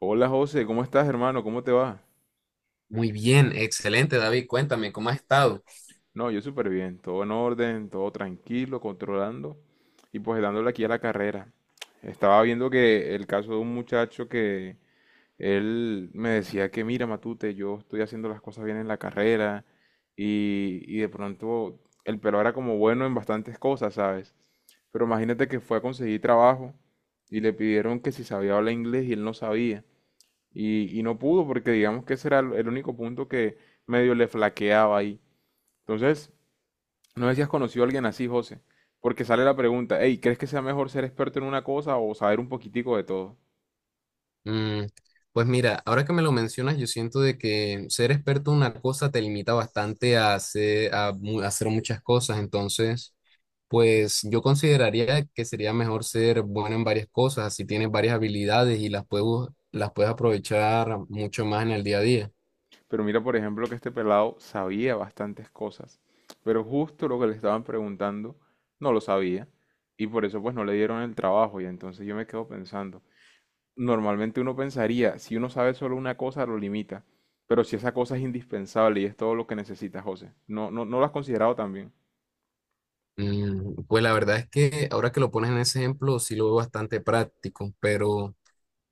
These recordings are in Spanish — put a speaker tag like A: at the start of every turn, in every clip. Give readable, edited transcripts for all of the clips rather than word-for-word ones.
A: Hola José, ¿cómo estás hermano? ¿Cómo te va?
B: Muy bien, excelente, David. Cuéntame, ¿cómo has estado?
A: No, yo súper bien, todo en orden, todo tranquilo, controlando y pues dándole aquí a la carrera. Estaba viendo que el caso de un muchacho que él me decía que mira Matute, yo estoy haciendo las cosas bien en la carrera y de pronto el pelo era como bueno en bastantes cosas, ¿sabes? Pero imagínate que fue a conseguir trabajo y le pidieron que si sabía hablar inglés y él no sabía. Y no pudo porque digamos que ese era el único punto que medio le flaqueaba ahí. Entonces, no sé si has conocido a alguien así, José, porque sale la pregunta, hey, ¿crees que sea mejor ser experto en una cosa o saber un poquitico de todo?
B: Mm, pues mira, ahora que me lo mencionas, yo siento de que ser experto en una cosa te limita bastante a hacer, a hacer muchas cosas. Entonces, pues yo consideraría que sería mejor ser bueno en varias cosas, así tienes varias habilidades y las puedes, las puedes aprovechar mucho más en el día a día.
A: Pero mira, por ejemplo, que este pelado sabía bastantes cosas, pero justo lo que le estaban preguntando no lo sabía y por eso pues no le dieron el trabajo y entonces yo me quedo pensando, normalmente uno pensaría, si uno sabe solo una cosa, lo limita. Pero si esa cosa es indispensable y es todo lo que necesita, José. No, no, no lo has considerado también.
B: Pues la verdad es que ahora que lo pones en ese ejemplo, sí lo veo bastante práctico, pero...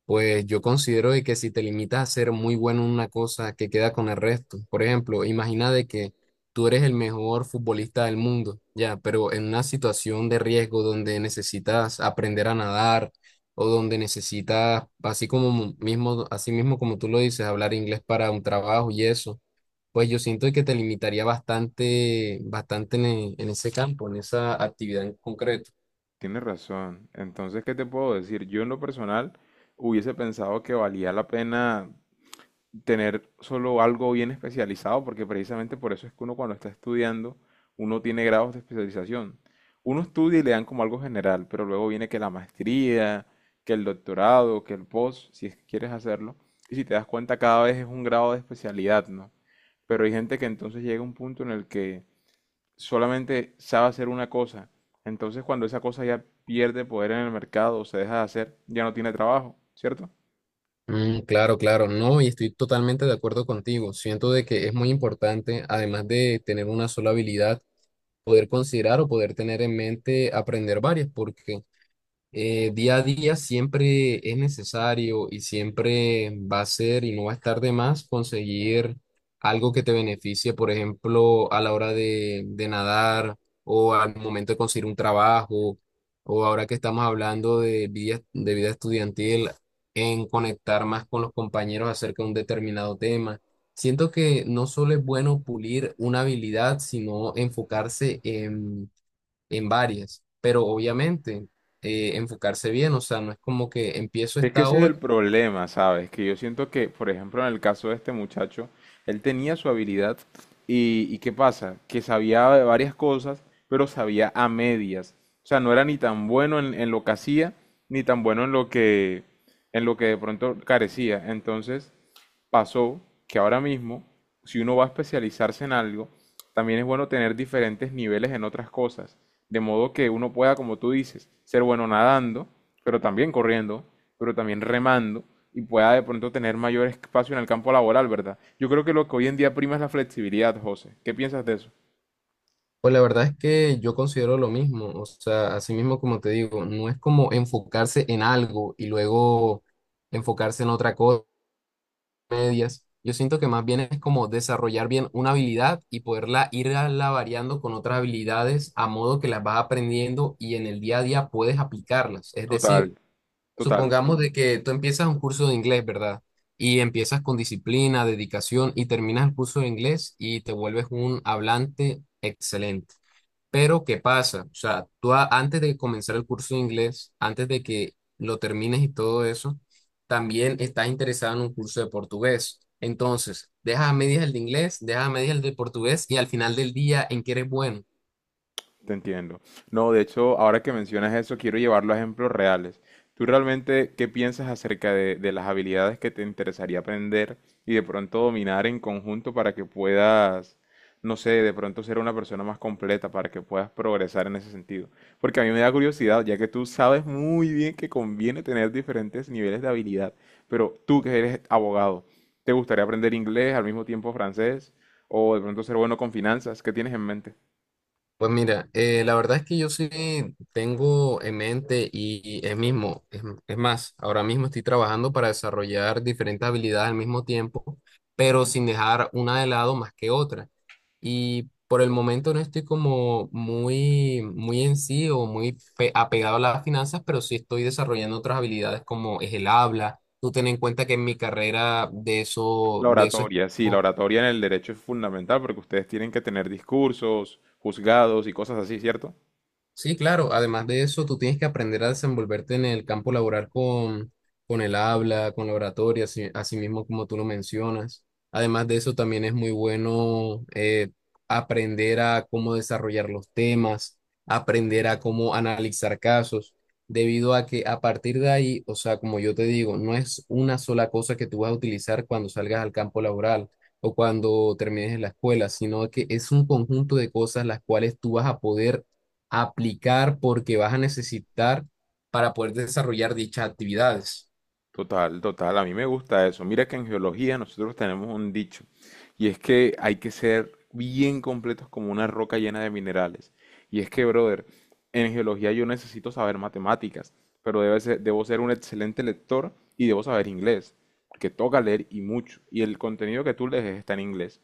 B: Pues yo considero de que si te limitas a ser muy bueno en una cosa que queda con el resto, por ejemplo, imagina de que tú eres el mejor futbolista del mundo, ya, pero en una situación de riesgo donde necesitas aprender a nadar o donde necesitas, así como mismo, así mismo como tú lo dices, hablar inglés para un trabajo y eso, pues yo siento que te limitaría bastante, bastante en, en ese campo, en esa actividad en concreto.
A: Tienes razón. Entonces, ¿qué te puedo decir? Yo en lo personal hubiese pensado que valía la pena tener solo algo bien especializado, porque precisamente por eso es que uno cuando está estudiando, uno tiene grados de especialización. Uno estudia y le dan como algo general, pero luego viene que la maestría, que el doctorado, que el post, si es que quieres hacerlo. Y si te das cuenta, cada vez es un grado de especialidad, ¿no? Pero hay gente que entonces llega a un punto en el que solamente sabe hacer una cosa. Entonces, cuando esa cosa ya pierde poder en el mercado o se deja de hacer, ya no tiene trabajo, ¿cierto?
B: Claro, claro, no, y estoy totalmente de acuerdo contigo. Siento de que es muy importante, además de tener una sola habilidad, poder considerar o poder tener en mente aprender varias, porque día a día siempre es necesario y siempre va a ser y no va a estar de más conseguir algo que te beneficie, por ejemplo, a la hora de nadar o al momento de conseguir un trabajo o ahora que estamos hablando de vida estudiantil, en conectar más con los compañeros acerca de un determinado tema. Siento que no solo es bueno pulir una habilidad, sino enfocarse en varias, pero obviamente enfocarse bien, o sea, no es como que empiezo
A: Es que
B: esta
A: ese es
B: hoy,
A: el problema, ¿sabes? Que yo siento que, por ejemplo, en el caso de este muchacho, él tenía su habilidad ¿y qué pasa? Que sabía de varias cosas, pero sabía a medias. O sea, no era ni tan bueno en lo que hacía, ni tan bueno en lo que de pronto carecía. Entonces, pasó que ahora mismo, si uno va a especializarse en algo, también es bueno tener diferentes niveles en otras cosas, de modo que uno pueda, como tú dices, ser bueno nadando, pero también corriendo, pero también remando y pueda de pronto tener mayor espacio en el campo laboral, ¿verdad? Yo creo que lo que hoy en día prima es la flexibilidad, José. ¿Qué piensas de eso?
B: pues la verdad es que yo considero lo mismo, o sea, así mismo como te digo, no es como enfocarse en algo y luego enfocarse en otra cosa, medias. Yo siento que más bien es como desarrollar bien una habilidad y poderla irla variando con otras habilidades a modo que las vas aprendiendo y en el día a día puedes aplicarlas. Es
A: Total,
B: decir,
A: total.
B: supongamos de que tú empiezas un curso de inglés, ¿verdad? Y empiezas con disciplina, dedicación y terminas el curso de inglés y te vuelves un hablante excelente. Pero, ¿qué pasa? O sea, antes de comenzar el curso de inglés, antes de que lo termines y todo eso, también estás interesado en un curso de portugués. Entonces, dejas a medias el de inglés, dejas a medias el de portugués y al final del día, ¿en qué eres bueno?
A: Te entiendo. No, de hecho, ahora que mencionas eso, quiero llevarlo a ejemplos reales. ¿Tú realmente qué piensas acerca de las habilidades que te interesaría aprender y de pronto dominar en conjunto para que puedas, no sé, de pronto ser una persona más completa, para que puedas progresar en ese sentido? Porque a mí me da curiosidad, ya que tú sabes muy bien que conviene tener diferentes niveles de habilidad, pero tú que eres abogado, ¿te gustaría aprender inglés al mismo tiempo francés o de pronto ser bueno con finanzas? ¿Qué tienes en mente?
B: Pues mira, la verdad es que yo sí tengo en mente y es mismo, es más, ahora mismo estoy trabajando para desarrollar diferentes habilidades al mismo tiempo, pero sin dejar una de lado más que otra. Y por el momento no estoy como muy en sí o muy apegado a las finanzas, pero sí estoy desarrollando otras habilidades como es el habla. Tú ten en cuenta que en mi carrera
A: La
B: de eso es...
A: oratoria, sí, la oratoria en el derecho es fundamental porque ustedes tienen que tener discursos, juzgados y cosas así, ¿cierto?
B: Sí, claro. Además de eso, tú tienes que aprender a desenvolverte en el campo laboral con el habla, con la oratoria, así, así mismo como tú lo mencionas. Además de eso, también es muy bueno, aprender a cómo desarrollar los temas, aprender a cómo analizar casos, debido a que a partir de ahí, o sea, como yo te digo, no es una sola cosa que tú vas a utilizar cuando salgas al campo laboral o cuando termines en la escuela, sino que es un conjunto de cosas las cuales tú vas a poder aplicar porque vas a necesitar para poder desarrollar dichas actividades.
A: Total, total, a mí me gusta eso. Mira que en geología nosotros tenemos un dicho, y es que hay que ser bien completos como una roca llena de minerales. Y es que, brother, en geología yo necesito saber matemáticas, pero debo ser un excelente lector y debo saber inglés, porque toca leer y mucho, y el contenido que tú lees está en inglés.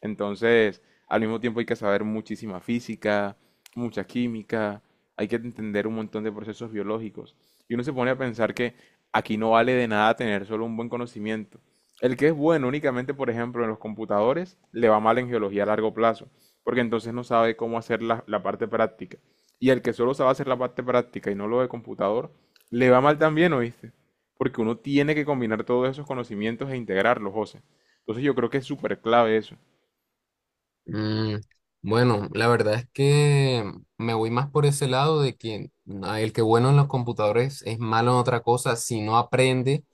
A: Entonces, al mismo tiempo hay que saber muchísima física, mucha química, hay que entender un montón de procesos biológicos. Y uno se pone a pensar que aquí no vale de nada tener solo un buen conocimiento. El que es bueno únicamente, por ejemplo, en los computadores, le va mal en geología a largo plazo, porque entonces no sabe cómo hacer la parte práctica. Y el que solo sabe hacer la parte práctica y no lo de computador, le va mal también, ¿oíste? Porque uno tiene que combinar todos esos conocimientos e integrarlos, José. Entonces yo creo que es súper clave eso.
B: Mm, bueno, la verdad es que me voy más por ese lado de que ah, el que bueno en los computadores es malo en otra cosa si no aprende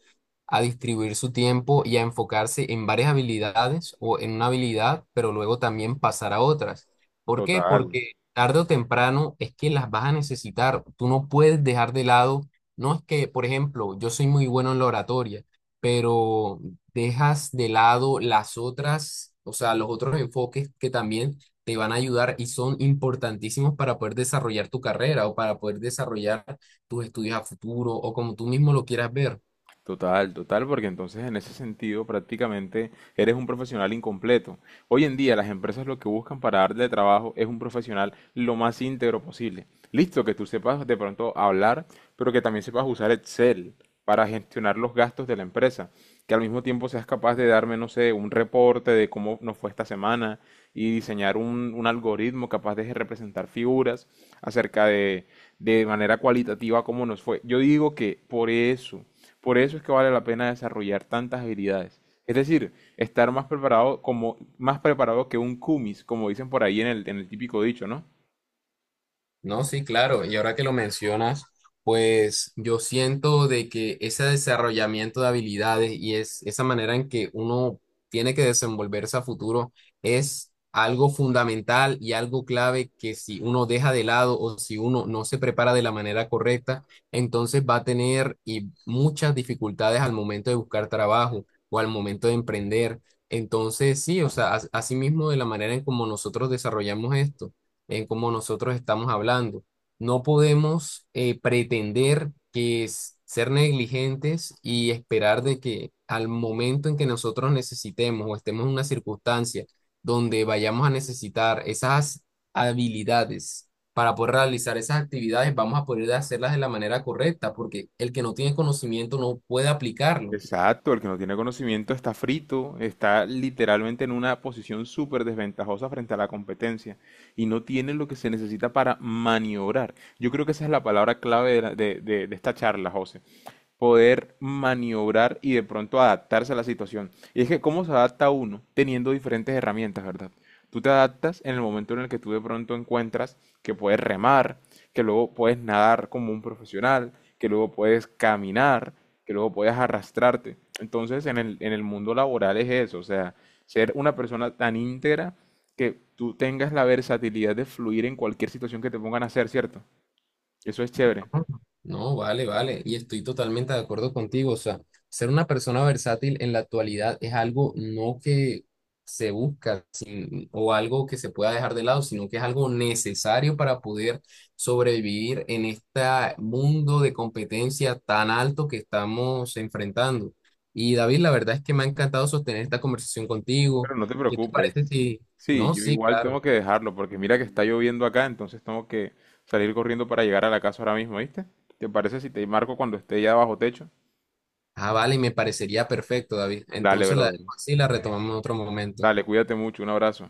B: a distribuir su tiempo y a enfocarse en varias habilidades o en una habilidad, pero luego también pasar a otras. ¿Por qué?
A: Total.
B: Porque tarde o temprano es que las vas a necesitar. Tú no puedes dejar de lado, no es que, por ejemplo, yo soy muy bueno en la oratoria, pero dejas de lado las otras, o sea, los otros enfoques que también te van a ayudar y son importantísimos para poder desarrollar tu carrera o para poder desarrollar tus estudios a futuro o como tú mismo lo quieras ver.
A: Total, total, porque entonces en ese sentido prácticamente eres un profesional incompleto. Hoy en día las empresas lo que buscan para darle trabajo es un profesional lo más íntegro posible. Listo, que tú sepas de pronto hablar, pero que también sepas usar Excel para gestionar los gastos de la empresa, que al mismo tiempo seas capaz de darme, no sé, un reporte de cómo nos fue esta semana y diseñar un algoritmo capaz de representar figuras acerca de manera cualitativa cómo nos fue. Yo digo que por eso es que vale la pena desarrollar tantas habilidades. Es decir, estar más preparado, como, más preparado que un kumis, como dicen por ahí en el típico dicho, ¿no?
B: No, sí, claro. Y ahora que lo mencionas, pues yo siento de que ese desarrollamiento de habilidades y es esa manera en que uno tiene que desenvolverse a futuro es algo fundamental y algo clave que si uno deja de lado o si uno no se prepara de la manera correcta, entonces va a tener y muchas dificultades al momento de buscar trabajo o al momento de emprender. Entonces, sí, o sea, asimismo de la manera en como nosotros desarrollamos esto en cómo nosotros estamos hablando. No podemos, pretender que es ser negligentes y esperar de que al momento en que nosotros necesitemos o estemos en una circunstancia donde vayamos a necesitar esas habilidades para poder realizar esas actividades, vamos a poder hacerlas de la manera correcta, porque el que no tiene conocimiento no puede aplicarlo.
A: Exacto, el que no tiene conocimiento está frito, está literalmente en una posición súper desventajosa frente a la competencia y no tiene lo que se necesita para maniobrar. Yo creo que esa es la palabra clave de, la- de esta charla, José. Poder maniobrar y de pronto adaptarse a la situación. Y es que cómo se adapta uno teniendo diferentes herramientas, ¿verdad? Tú te adaptas en el momento en el que tú de pronto encuentras que puedes remar, que luego puedes nadar como un profesional, que luego puedes caminar, que luego puedas arrastrarte. Entonces, en el mundo laboral es eso, o sea, ser una persona tan íntegra que tú tengas la versatilidad de fluir en cualquier situación que te pongan a hacer, ¿cierto? Eso es chévere.
B: No, vale, vale. Y estoy totalmente de acuerdo contigo. O sea, ser una persona versátil en la actualidad es algo no que se busca o algo que se pueda dejar de lado, sino que es algo necesario para poder sobrevivir en este mundo de competencia tan alto que estamos enfrentando. Y David, la verdad es que me ha encantado sostener esta conversación contigo.
A: Pero no te
B: ¿Qué te parece
A: preocupes.
B: si...
A: Sí,
B: No,
A: yo
B: sí,
A: igual
B: claro.
A: tengo que dejarlo porque mira que está lloviendo acá, entonces tengo que salir corriendo para llegar a la casa ahora mismo, ¿viste? ¿Te parece si te marco cuando esté ya bajo techo?
B: Ah, vale, me parecería perfecto, David.
A: Dale,
B: Entonces la
A: brother.
B: dejo así y la retomamos en otro momento.
A: Dale, cuídate mucho, un abrazo.